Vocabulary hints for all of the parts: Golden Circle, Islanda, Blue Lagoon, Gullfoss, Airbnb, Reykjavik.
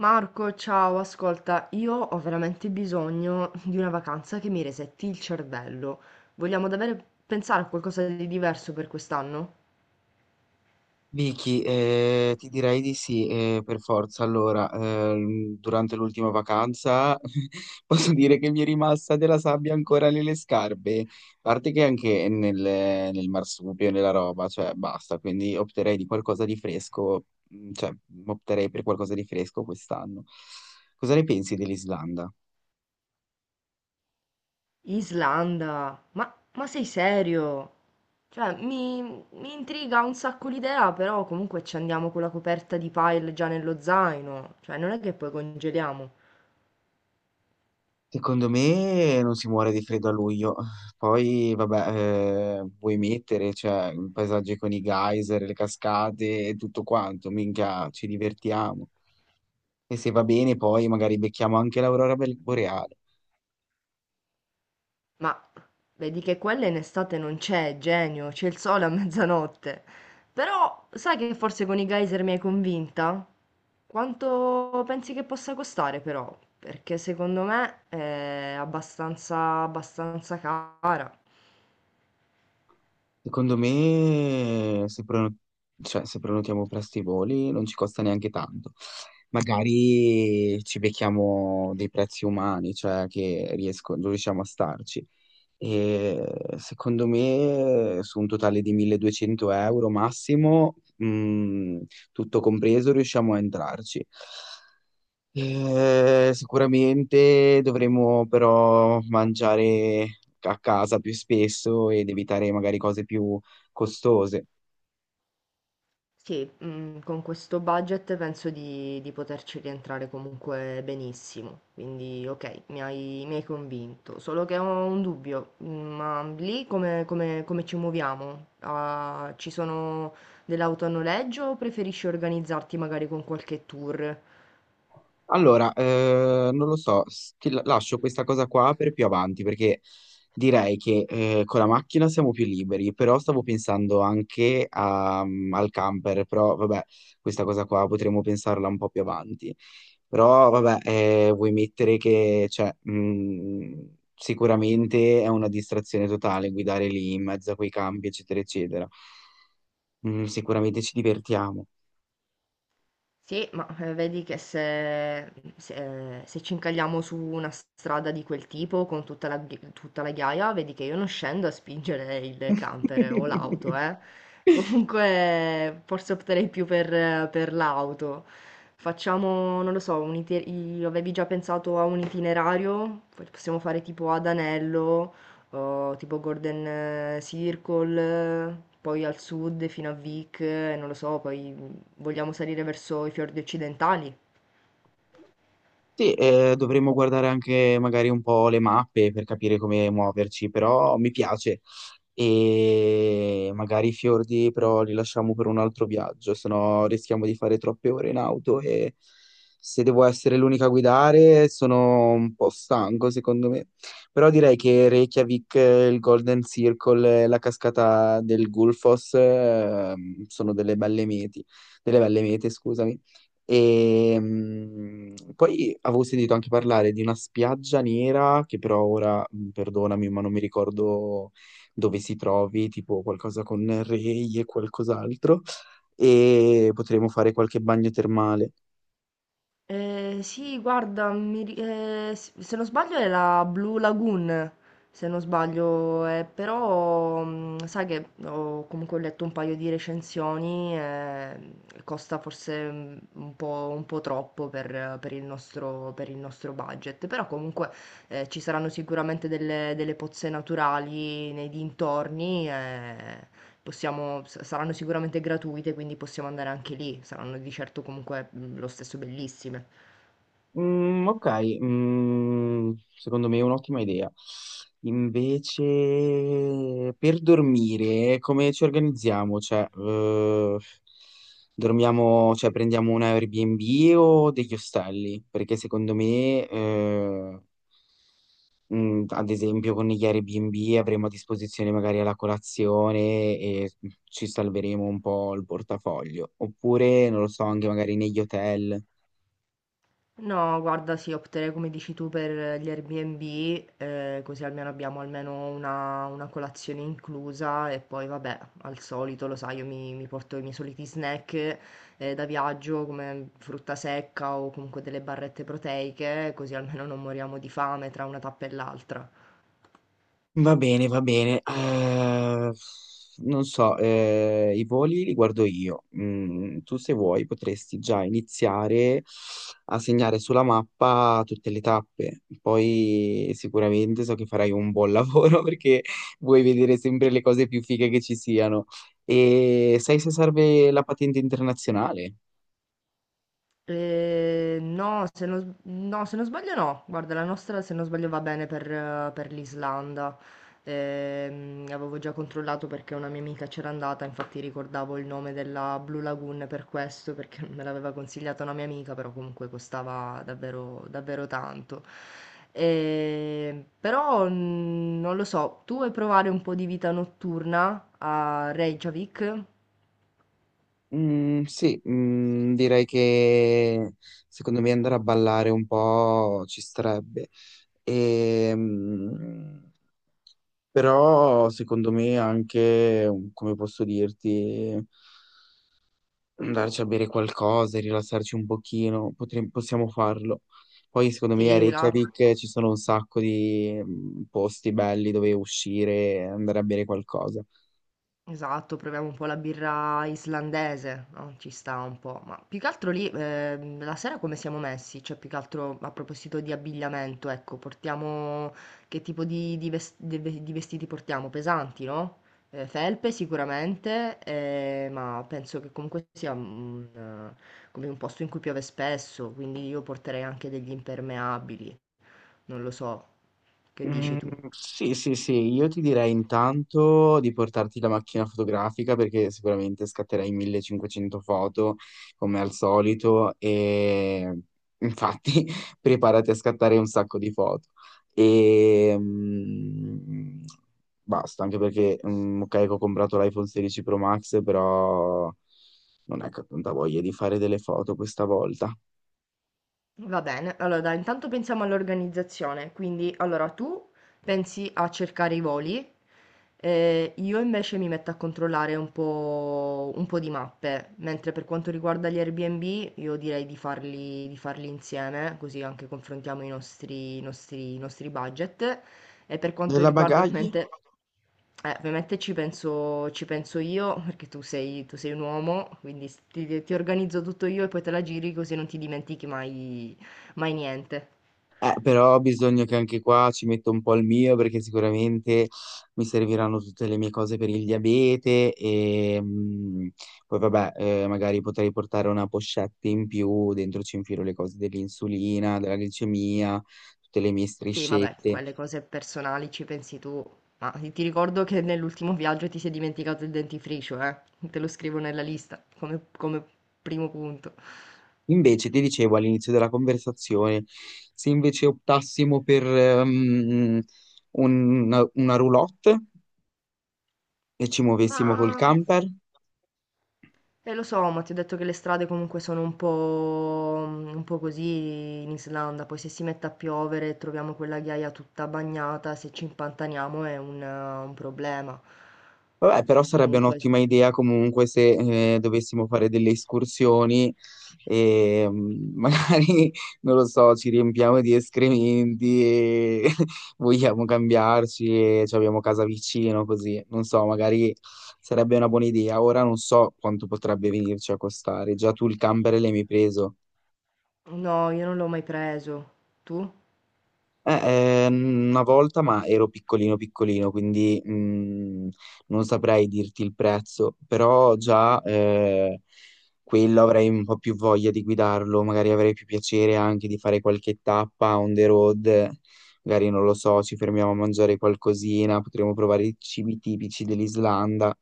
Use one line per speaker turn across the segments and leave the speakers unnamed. Marco, ciao, ascolta, io ho veramente bisogno di una vacanza che mi resetti il cervello. Vogliamo davvero pensare a qualcosa di diverso per quest'anno?
Vicky, ti direi di sì, per forza. Allora, durante l'ultima vacanza posso dire che mi è rimasta della sabbia ancora nelle scarpe, a parte che anche nel marsupio, nella roba, cioè basta, quindi opterei di qualcosa di fresco, mm, cioè opterei per qualcosa di fresco quest'anno. Cosa ne pensi dell'Islanda?
Islanda, ma sei serio? Cioè, mi intriga un sacco l'idea, però comunque ci andiamo con la coperta di pile già nello zaino, cioè non è che poi congeliamo.
Secondo me non si muore di freddo a luglio. Poi, vabbè, vuoi mettere, cioè, un paesaggio con i geyser, le cascate e tutto quanto, minchia, ci divertiamo. E se va bene, poi magari becchiamo anche l'aurora boreale.
Ma vedi che quella in estate non c'è, genio, c'è il sole a mezzanotte. Però sai che forse con i geyser mi hai convinta. Quanto pensi che possa costare, però? Perché secondo me è abbastanza cara.
Secondo me, se, prono- cioè, se prenotiamo presto i voli, non ci costa neanche tanto. Magari ci becchiamo dei prezzi umani, cioè che riusciamo a starci. E secondo me su un totale di 1200 euro massimo, tutto compreso, riusciamo a entrarci. Sicuramente dovremo però mangiare a casa più spesso ed evitare magari cose più costose.
Sì, mhmm, con questo budget penso di poterci rientrare comunque benissimo. Quindi okay, mi hai convinto. Solo che ho un dubbio, mhmm, ma lì come ci muoviamo? Ah, ci sono delle auto a noleggio o preferisci organizzarti magari con qualche tour?
Allora, non lo so, lascio questa cosa qua per più avanti perché direi che con la macchina siamo più liberi, però stavo pensando anche al camper, però vabbè, questa cosa qua potremmo pensarla un po' più avanti. Però vabbè, vuoi mettere che cioè, sicuramente è una distrazione totale guidare lì in mezzo a quei campi, eccetera, eccetera. Sicuramente ci divertiamo.
Sì, ma, vedi che se mhmm, se ci incagliamo su una strada di quel tipo con tutta la ghi tutta la ghiaia, vedi che io non scendo a spingere il camper o l'auto, eh. Comunque forse opterei più per l'auto. Facciamo, non lo so, un ite i avevi già pensato a un itinerario? P Possiamo fare tipo ad anello, o tipo Golden Circle, poi al sud fino a Vic, non lo so, poi vogliamo salire verso i fiordi occidentali?
Sì, dovremmo guardare anche magari un po' le mappe per capire come muoverci, però mi piace. E magari i fiordi però li lasciamo per un altro viaggio, sennò rischiamo di fare troppe ore in auto e se devo essere l'unica a guidare sono un po' stanco secondo me. Però direi che Reykjavik, il Golden Circle, la cascata del Gullfoss, sono delle belle mete, scusami. E poi avevo sentito anche parlare di una spiaggia nera, che però ora, perdonami, ma non mi ricordo dove si trovi, tipo qualcosa con Rei e qualcos'altro, e potremmo fare qualche bagno termale.
Sì, guarda, se non sbaglio è la Blue Lagoon, se non sbaglio, però mm, sai che ho comunque letto un paio di recensioni, costa forse mm, un po' troppo per il nostro budget, però comunque ci saranno sicuramente delle pozze naturali nei dintorni, possiamo s saranno sicuramente gratuite, quindi possiamo andare anche lì, saranno di certo comunque, mhmm, lo stesso bellissime.
Mm, ok, mm, secondo me è un'ottima idea. Invece, per dormire, come ci organizziamo? Cioè, dormiamo, cioè, prendiamo un Airbnb o degli ostelli? Perché secondo me, ad esempio, con gli Airbnb avremo a disposizione magari la colazione e ci salveremo un po' il portafoglio. Oppure, non lo so, anche magari negli hotel.
No, guarda, sì, opterei come dici tu per gli Airbnb, così almeno abbiamo almeno una colazione inclusa e poi vabbè, al solito lo sai io mi porto i miei soliti snack, da viaggio come frutta secca o comunque delle barrette proteiche, così almeno non moriamo di fame tra una tappa e l'altra.
Va bene, va bene. Non so, i voli li guardo io. Tu se vuoi potresti già iniziare a segnare sulla mappa tutte le tappe. Poi sicuramente so che farai un buon lavoro perché vuoi vedere sempre le cose più fighe che ci siano. E sai se serve la patente internazionale?
No, se non, s- no, se non sbaglio no. Guarda, la nostra se non sbaglio va bene per l'Islanda. Avevo già controllato perché una mia amica c'era andata, infatti ricordavo il nome della Blue Lagoon per questo, perché me l'aveva consigliata una mia amica, però comunque costava davvero tanto. Però mm, non lo so, tu vuoi provare un po' di vita notturna a Reykjavik?
Mm, sì, direi che secondo me andare a ballare un po' ci starebbe. E, mm, Però secondo me anche, come posso dirti, andarci a bere qualcosa e rilassarci un pochino, possiamo farlo. Poi secondo me a
Sì, là.
Reykjavik ci sono un sacco di posti belli dove uscire e andare a bere qualcosa.
Esatto, proviamo un po' la birra islandese, no, ci sta un po', ma più che altro lì, la sera come siamo messi? Cioè, più che altro a proposito di abbigliamento, ecco, che tipo di vestiti portiamo? Pesanti, no? Felpe sicuramente, ma penso che comunque sia un, come un posto in cui piove spesso, quindi io porterei anche degli impermeabili, non lo so, che dici
Mm,
tu?
sì, sì, sì. Io ti direi intanto di portarti la macchina fotografica perché sicuramente scatterai 1500 foto come al solito e infatti preparati a scattare un sacco di foto. E basta, anche perché ok, che ho comprato l'iPhone 16 Pro Max, però non è che ho tanta voglia di fare delle foto questa volta.
Va bene, allora dai, intanto pensiamo all'organizzazione, quindi allora tu pensi a cercare i voli, io invece mi metto a controllare un po' di mappe, mentre per quanto riguarda gli Airbnb io direi di farli insieme, così anche confrontiamo i nostri budget e per quanto
Della
riguarda
bagagli?
ovviamente, ovviamente ci penso io, perché tu sei un uomo, quindi ti organizzo tutto io e poi te la giri così non ti dimentichi mai, mai niente.
Però bisogna che anche qua ci metto un po' il mio perché sicuramente mi serviranno tutte le mie cose per il diabete e poi vabbè, magari potrei portare una pochette in più, dentro ci infilo le cose dell'insulina, della glicemia, tutte le mie
Sì, vabbè,
striscette.
quelle cose personali ci pensi tu, ma ti ricordo che nell'ultimo viaggio ti sei dimenticato il dentifricio, eh? Te lo scrivo nella lista come primo punto.
Invece ti dicevo all'inizio della conversazione, se invece optassimo per una roulotte e ci
Ma...
muovessimo col camper.
eh lo so, ma ti ho detto che le strade comunque sono un po', mhmm, un po' così in Islanda, poi se si mette a piovere e troviamo quella ghiaia tutta bagnata, se ci impantaniamo è un problema.
Vabbè, però sarebbe
Comunque s
un'ottima idea comunque se dovessimo fare delle escursioni e magari, non lo so, ci riempiamo di escrementi e vogliamo cambiarci e ci abbiamo casa vicino, così. Non so, magari sarebbe una buona idea. Ora non so quanto potrebbe venirci a costare. Già tu il camper l'hai mi preso.
No, io non l'ho mai preso. Tu?
Una volta, ma ero piccolino piccolino, quindi non saprei dirti il prezzo, però già quello avrei un po' più voglia di guidarlo, magari avrei più piacere anche di fare qualche tappa on the road, magari non lo so, ci fermiamo a mangiare qualcosina, potremmo provare i cibi tipici dell'Islanda.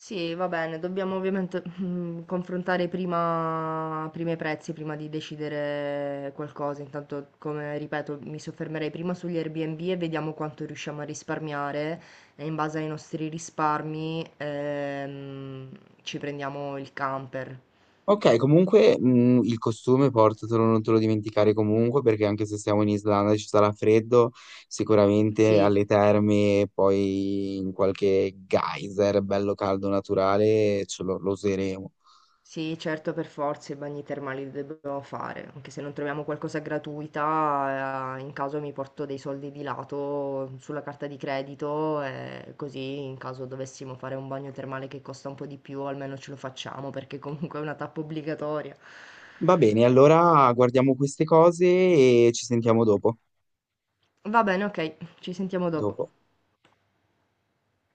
Sì, va bene, dobbiamo ovviamente mm, confrontare prima i prezzi, prima di decidere qualcosa. Intanto, come ripeto, mi soffermerei prima sugli Airbnb e vediamo quanto riusciamo a risparmiare e in base ai nostri risparmi ci prendiamo il camper.
Ok, comunque il costume portatelo, non te lo dimenticare comunque, perché anche se siamo in Islanda e ci sarà freddo, sicuramente
Sì,
alle terme, poi in qualche geyser bello caldo naturale, lo useremo.
sì, certo, per forza i bagni termali li dobbiamo fare, anche se non troviamo qualcosa gratuita, in caso mi porto dei soldi di lato sulla carta di credito e così in caso dovessimo fare un bagno termale che costa un po' di più, almeno ce lo facciamo perché comunque è una tappa obbligatoria.
Va bene, allora guardiamo queste cose e ci sentiamo dopo.
Va bene, ok, ci sentiamo dopo.
Dopo.